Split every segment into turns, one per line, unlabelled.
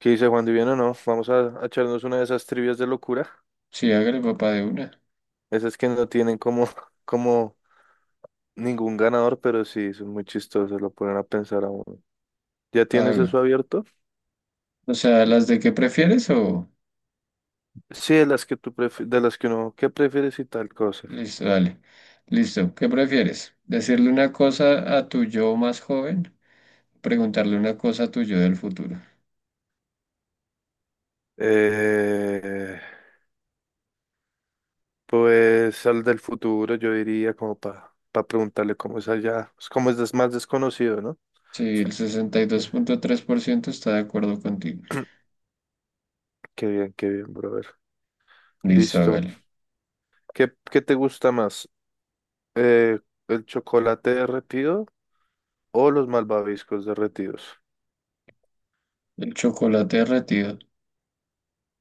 ¿Qué dice Juan Divino? No, vamos a echarnos una de esas trivias de locura.
Sí, hágale papá de una.
Esas que no tienen como, como ningún ganador, pero sí, son muy chistosas, lo ponen a pensar a uno. ¿Ya tienes
Haga.
eso abierto?
O sea, las de qué prefieres o.
Sí, de las que tú prefieres, de las que uno, ¿qué prefieres y tal cosa?
Listo, dale. Listo. ¿Qué prefieres? ¿Decirle una cosa a tu yo más joven? Preguntarle una cosa a tu yo del futuro.
Eh, pues al del futuro, yo diría, como para preguntarle cómo es allá, pues, cómo es más desconocido, ¿no?
Sí, el sesenta y dos
Eh,
punto tres por ciento está de acuerdo contigo.
Qué bien, brother.
Listo,
Listo.
hágale.
¿Qué te gusta más? Eh, ¿El chocolate derretido? O los malvaviscos derretidos.
El chocolate derretido.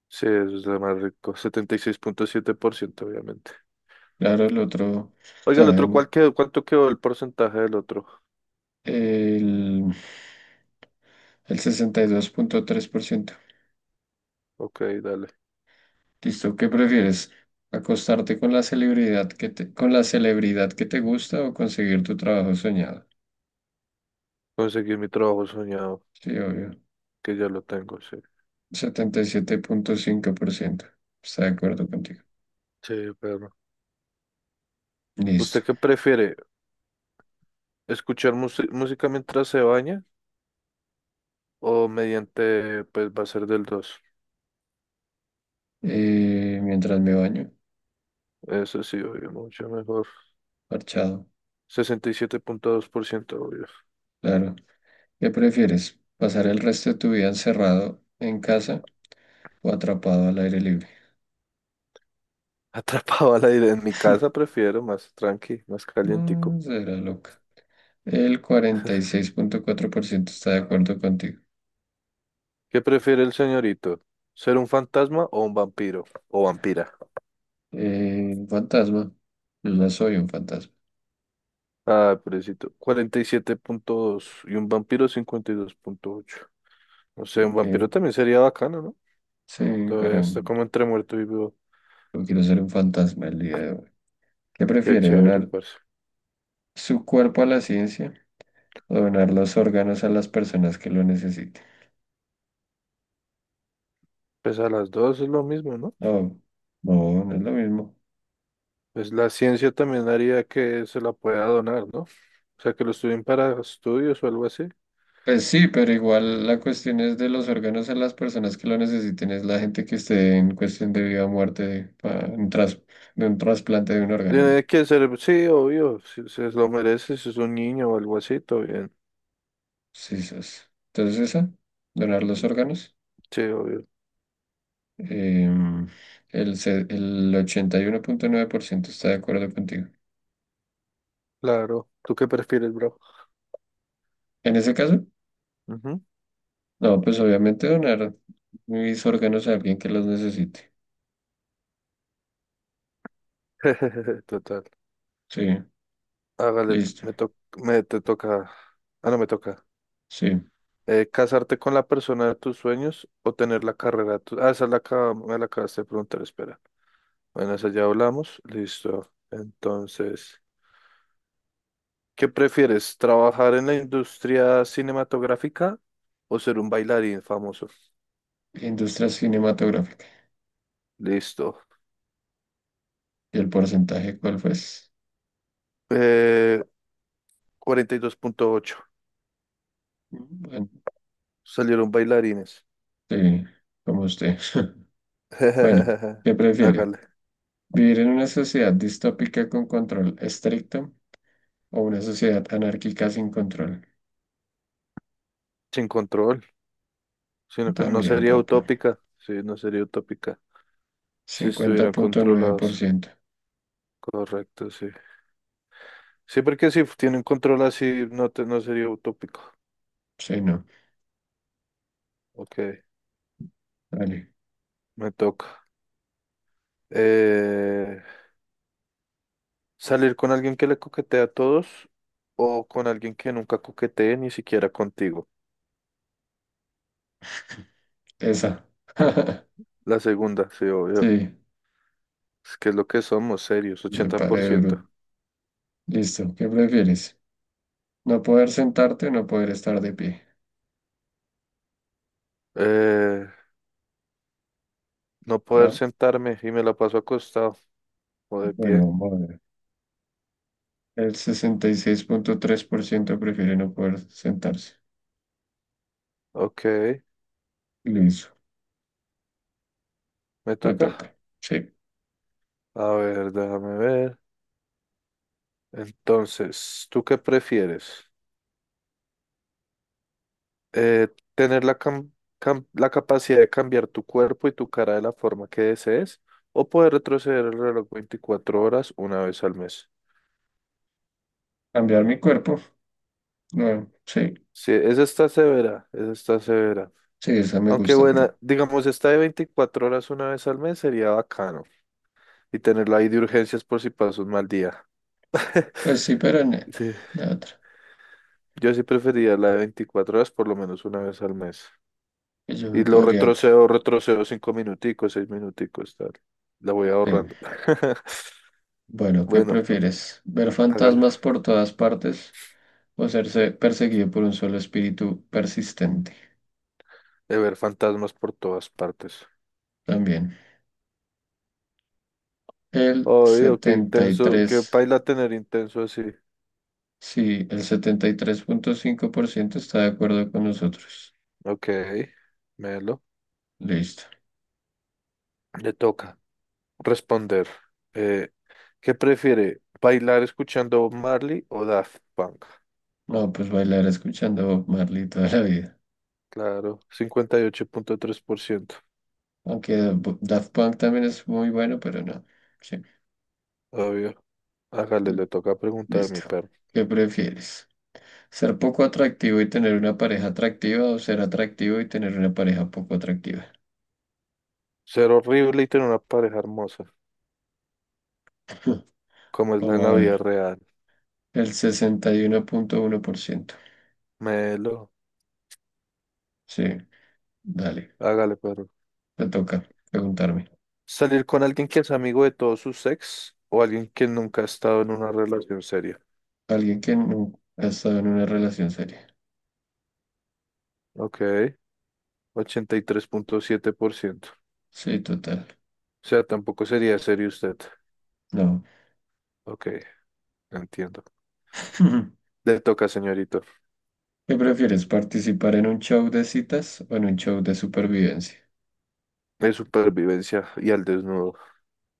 Sí, eso es lo más rico. 76,7% obviamente.
Claro, el otro,
Oiga, el otro, ¿cuál
¿saben?
quedó? ¿Cuánto quedó el porcentaje del otro?
El, el 62.3%.
Ok, dale.
Listo, ¿qué prefieres? ¿Acostarte con la celebridad que te, con la celebridad que te gusta o conseguir tu trabajo soñado?
Conseguí mi trabajo soñado,
Sí, obvio.
que ya lo tengo, sí.
77.5% está de acuerdo contigo.
Sí, perro.
Listo.
¿Usted qué prefiere? ¿Escuchar música mientras se baña? O mediante, pues va a ser del dos.
Mientras me baño,
Eso sí, obvio, mucho mejor.
parchado,
67,2% obvio.
claro. ¿Qué prefieres? ¿Pasar el resto de tu vida encerrado en casa o atrapado al aire libre?
Atrapado al aire en mi casa, prefiero más tranqui, más calientico.
No, será loca. El 46.4% está de acuerdo contigo.
¿Qué prefiere el señorito? ¿Ser un fantasma o un vampiro? O vampira.
Fantasma. Yo ya soy un fantasma.
Ah, pobrecito. 47,2 y un vampiro 52,8. No sé, un
Ok.
vampiro también sería bacano, ¿no?
Sí, pero
Todavía está como entre muerto y vivo.
no quiero ser un fantasma el día de hoy. ¿Qué
Qué
prefiere,
chévere,
donar
parce.
su cuerpo a la ciencia o donar los órganos a las personas que lo necesiten?
Pues a las dos es lo mismo, ¿no?
No, no, no es lo mismo.
Pues la ciencia también haría que se la pueda donar, ¿no? O sea, que lo estudien para estudios o algo así.
Pues sí, pero igual la cuestión es de los órganos a las personas que lo necesiten, es la gente que esté en cuestión de vida o muerte, de un trasplante de un órgano, ¿no?
Tiene que ser, sí, obvio. Si se lo merece, si es un niño o algo así, todo bien.
Sí, eso. Entonces esa, donar los órganos.
Sí, obvio.
Em, el 81.9% está de acuerdo contigo.
Claro. ¿Tú qué prefieres, bro?
En ese caso.
Ujú.
No, pues obviamente donar mis órganos a alguien que los necesite.
Total.
Sí,
Hágale,
listo.
me te toca. Ah, no, me toca.
Sí.
¿Casarte con la persona de tus sueños o tener la carrera de ah, me la acabaste de preguntar, espera. Bueno, esa ya hablamos. Listo. Entonces, ¿qué prefieres? ¿Trabajar en la industria cinematográfica o ser un bailarín famoso?
Industria cinematográfica.
Listo.
¿Y el porcentaje cuál fue?
Eh, 42,8.
Bueno,
Salieron bailarines.
sí, como usted. Bueno, ¿qué prefiere?
Hágale.
¿Vivir en una sociedad distópica con control estricto o una sociedad anárquica sin control?
Sin control. Sino que no
También,
sería
papá.
utópica, sí, no sería utópica si
cincuenta
estuvieran
punto nueve por
controlados.
ciento
Correcto, sí. Sí, porque si tienen control así, no, no sería utópico.
Sí, no.
Ok,
Vale.
me toca. Eh, ¿Salir con alguien que le coquetea a todos o con alguien que nunca coquetee ni siquiera contigo?
Esa.
La segunda, sí, obvio.
Sí,
Es que es lo que somos, serios,
se pare duro.
80%.
Listo. ¿Qué prefieres? No poder sentarte, no poder estar de pie.
Eh, no poder
Ah,
sentarme y me la paso acostado o de
bueno,
pie.
vamos a ver. El 66.3% prefiere no poder sentarse.
Ok,
Listo,
me
me
toca.
toca. Sí.
A ver, déjame ver. Entonces, ¿tú qué prefieres? Eh, ¿Tener la capacidad de cambiar tu cuerpo y tu cara de la forma que desees? ¿O poder retroceder el reloj 24 horas una vez al mes?
Cambiar mi cuerpo. No, sí,
Sí, esa está severa, esa está severa.
sí, esa me
Aunque
gusta.
buena, digamos, esta de 24 horas una vez al mes sería bacano. Y tenerla ahí de urgencias por si pasas un mal día.
Pues sí, pero no,
Sí.
la otra.
Yo sí preferiría la de 24 horas por lo menos una vez al mes.
Que yo me
Y lo
podría.
retrocedo, retrocedo cinco minuticos, seis minuticos, tal. La voy
Sí.
ahorrando.
Bueno, ¿qué
Bueno,
prefieres? ¿Ver
hágala.
fantasmas por todas partes o serse perseguido por un solo espíritu persistente?
De ver fantasmas por todas partes.
También. El
Obvio, qué
setenta y
intenso, qué
tres
paila tener intenso así.
Sí, el 73.5% está de acuerdo con nosotros.
Ok, melo.
Listo.
Le toca responder. Eh, ¿Qué prefiere? ¿Bailar escuchando Bob Marley o Daft Punk?
No, pues bailar escuchando Bob Marley toda la vida.
Claro, 58,3%.
Aunque Daft Punk también es muy bueno, pero no. Sí,
Obvio. Hágale,
L-
le toca preguntar a mi
listo.
perro.
¿Qué prefieres? ¿Ser poco atractivo y tener una pareja atractiva o ser atractivo y tener una pareja poco atractiva?
Ser horrible y tener una pareja hermosa, como es la en la
Vamos a
vida
ver.
real.
El sesenta y uno punto uno por ciento.
Melo,
Sí, dale.
hágale, perro.
Te toca preguntarme.
Salir con alguien que es amigo de todos sus ex o alguien que nunca ha estado en una relación seria.
Alguien que nunca ha estado en una relación seria.
Ok, 83,7%.
Sí, total.
O sea, tampoco sería serio usted.
No.
Ok, entiendo. Le toca, señorito.
¿Qué prefieres, participar en un show de citas o en un show de supervivencia?
De supervivencia y al desnudo.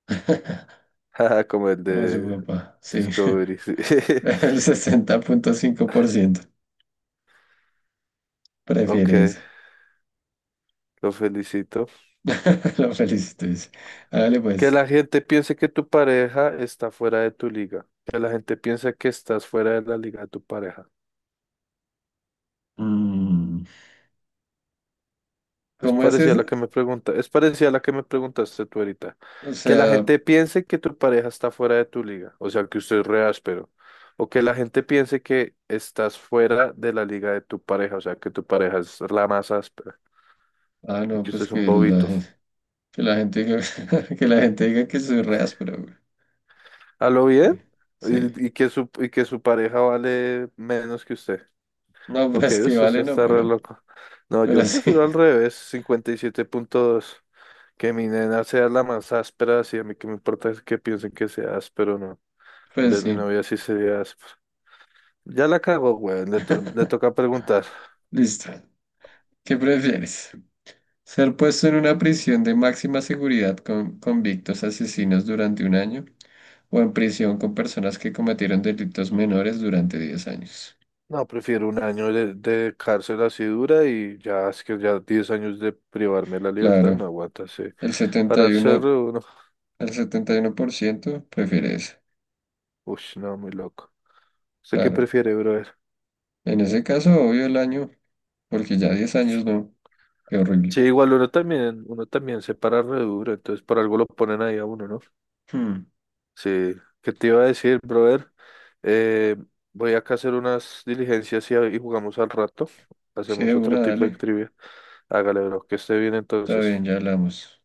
Jaja, como el
Como su
de
papá, sí.
Discovery, sí.
El 60.5% prefiere
Ok,
eso.
lo felicito.
Lo felicito, dice. Hágale
Que
pues.
la gente piense que tu pareja está fuera de tu liga. Que la gente piense que estás fuera de la liga de tu pareja.
Mm,
Es
¿Cómo es
parecida a la
eso?
que me pregunta, es parecida a la que me preguntaste tú ahorita.
O
Que la
sea,
gente piense que tu pareja está fuera de tu liga, o sea, que usted es re áspero. O que la gente piense que estás fuera de la liga de tu pareja, o sea, que tu pareja es la más áspera
ah,
y
no,
que usted
pues
es un bobito.
que la gente diga, que la gente diga que soy re áspero, güey.
¿A lo
Sí.
bien?
Sí.
Y que y que su pareja vale menos que usted.
No,
Ok,
pues que vale, no,
está re
pero,
loco. No,
pero
yo
sí,
prefiero al revés, 57.2. Que mi nena sea la más áspera, sí, a mí que me importa es que piensen que sea áspero, no. En
pues
vez de mi
sí.
novia sí sería áspera. Ya la cago, weón, le toca preguntar.
Listo. ¿Qué prefieres? Ser puesto en una prisión de máxima seguridad con convictos asesinos durante un año o en prisión con personas que cometieron delitos menores durante 10 años.
No, prefiero 1 año de cárcel así dura y ya, es que ya 10 años de privarme de la libertad,
Claro,
no aguanta, sí.
el setenta
Para
y
el
uno,
cerro, uno,
el 71% prefiere eso.
uff, no, muy loco. ¿Usted qué
Claro.
prefiere, brother?
En ese caso, obvio el año, porque ya 10 años no. Qué
Sí,
horrible.
igual uno también se para re duro, entonces por algo lo ponen ahí a uno, ¿no?
Hmm.
Sí, ¿qué te iba a decir, brother? Eh, Voy acá a hacer unas diligencias y jugamos al rato.
Sí, de
Hacemos otro
una,
tipo de
dale.
trivia. Hágale, bro, que esté bien
Está
entonces.
bien, ya hablamos.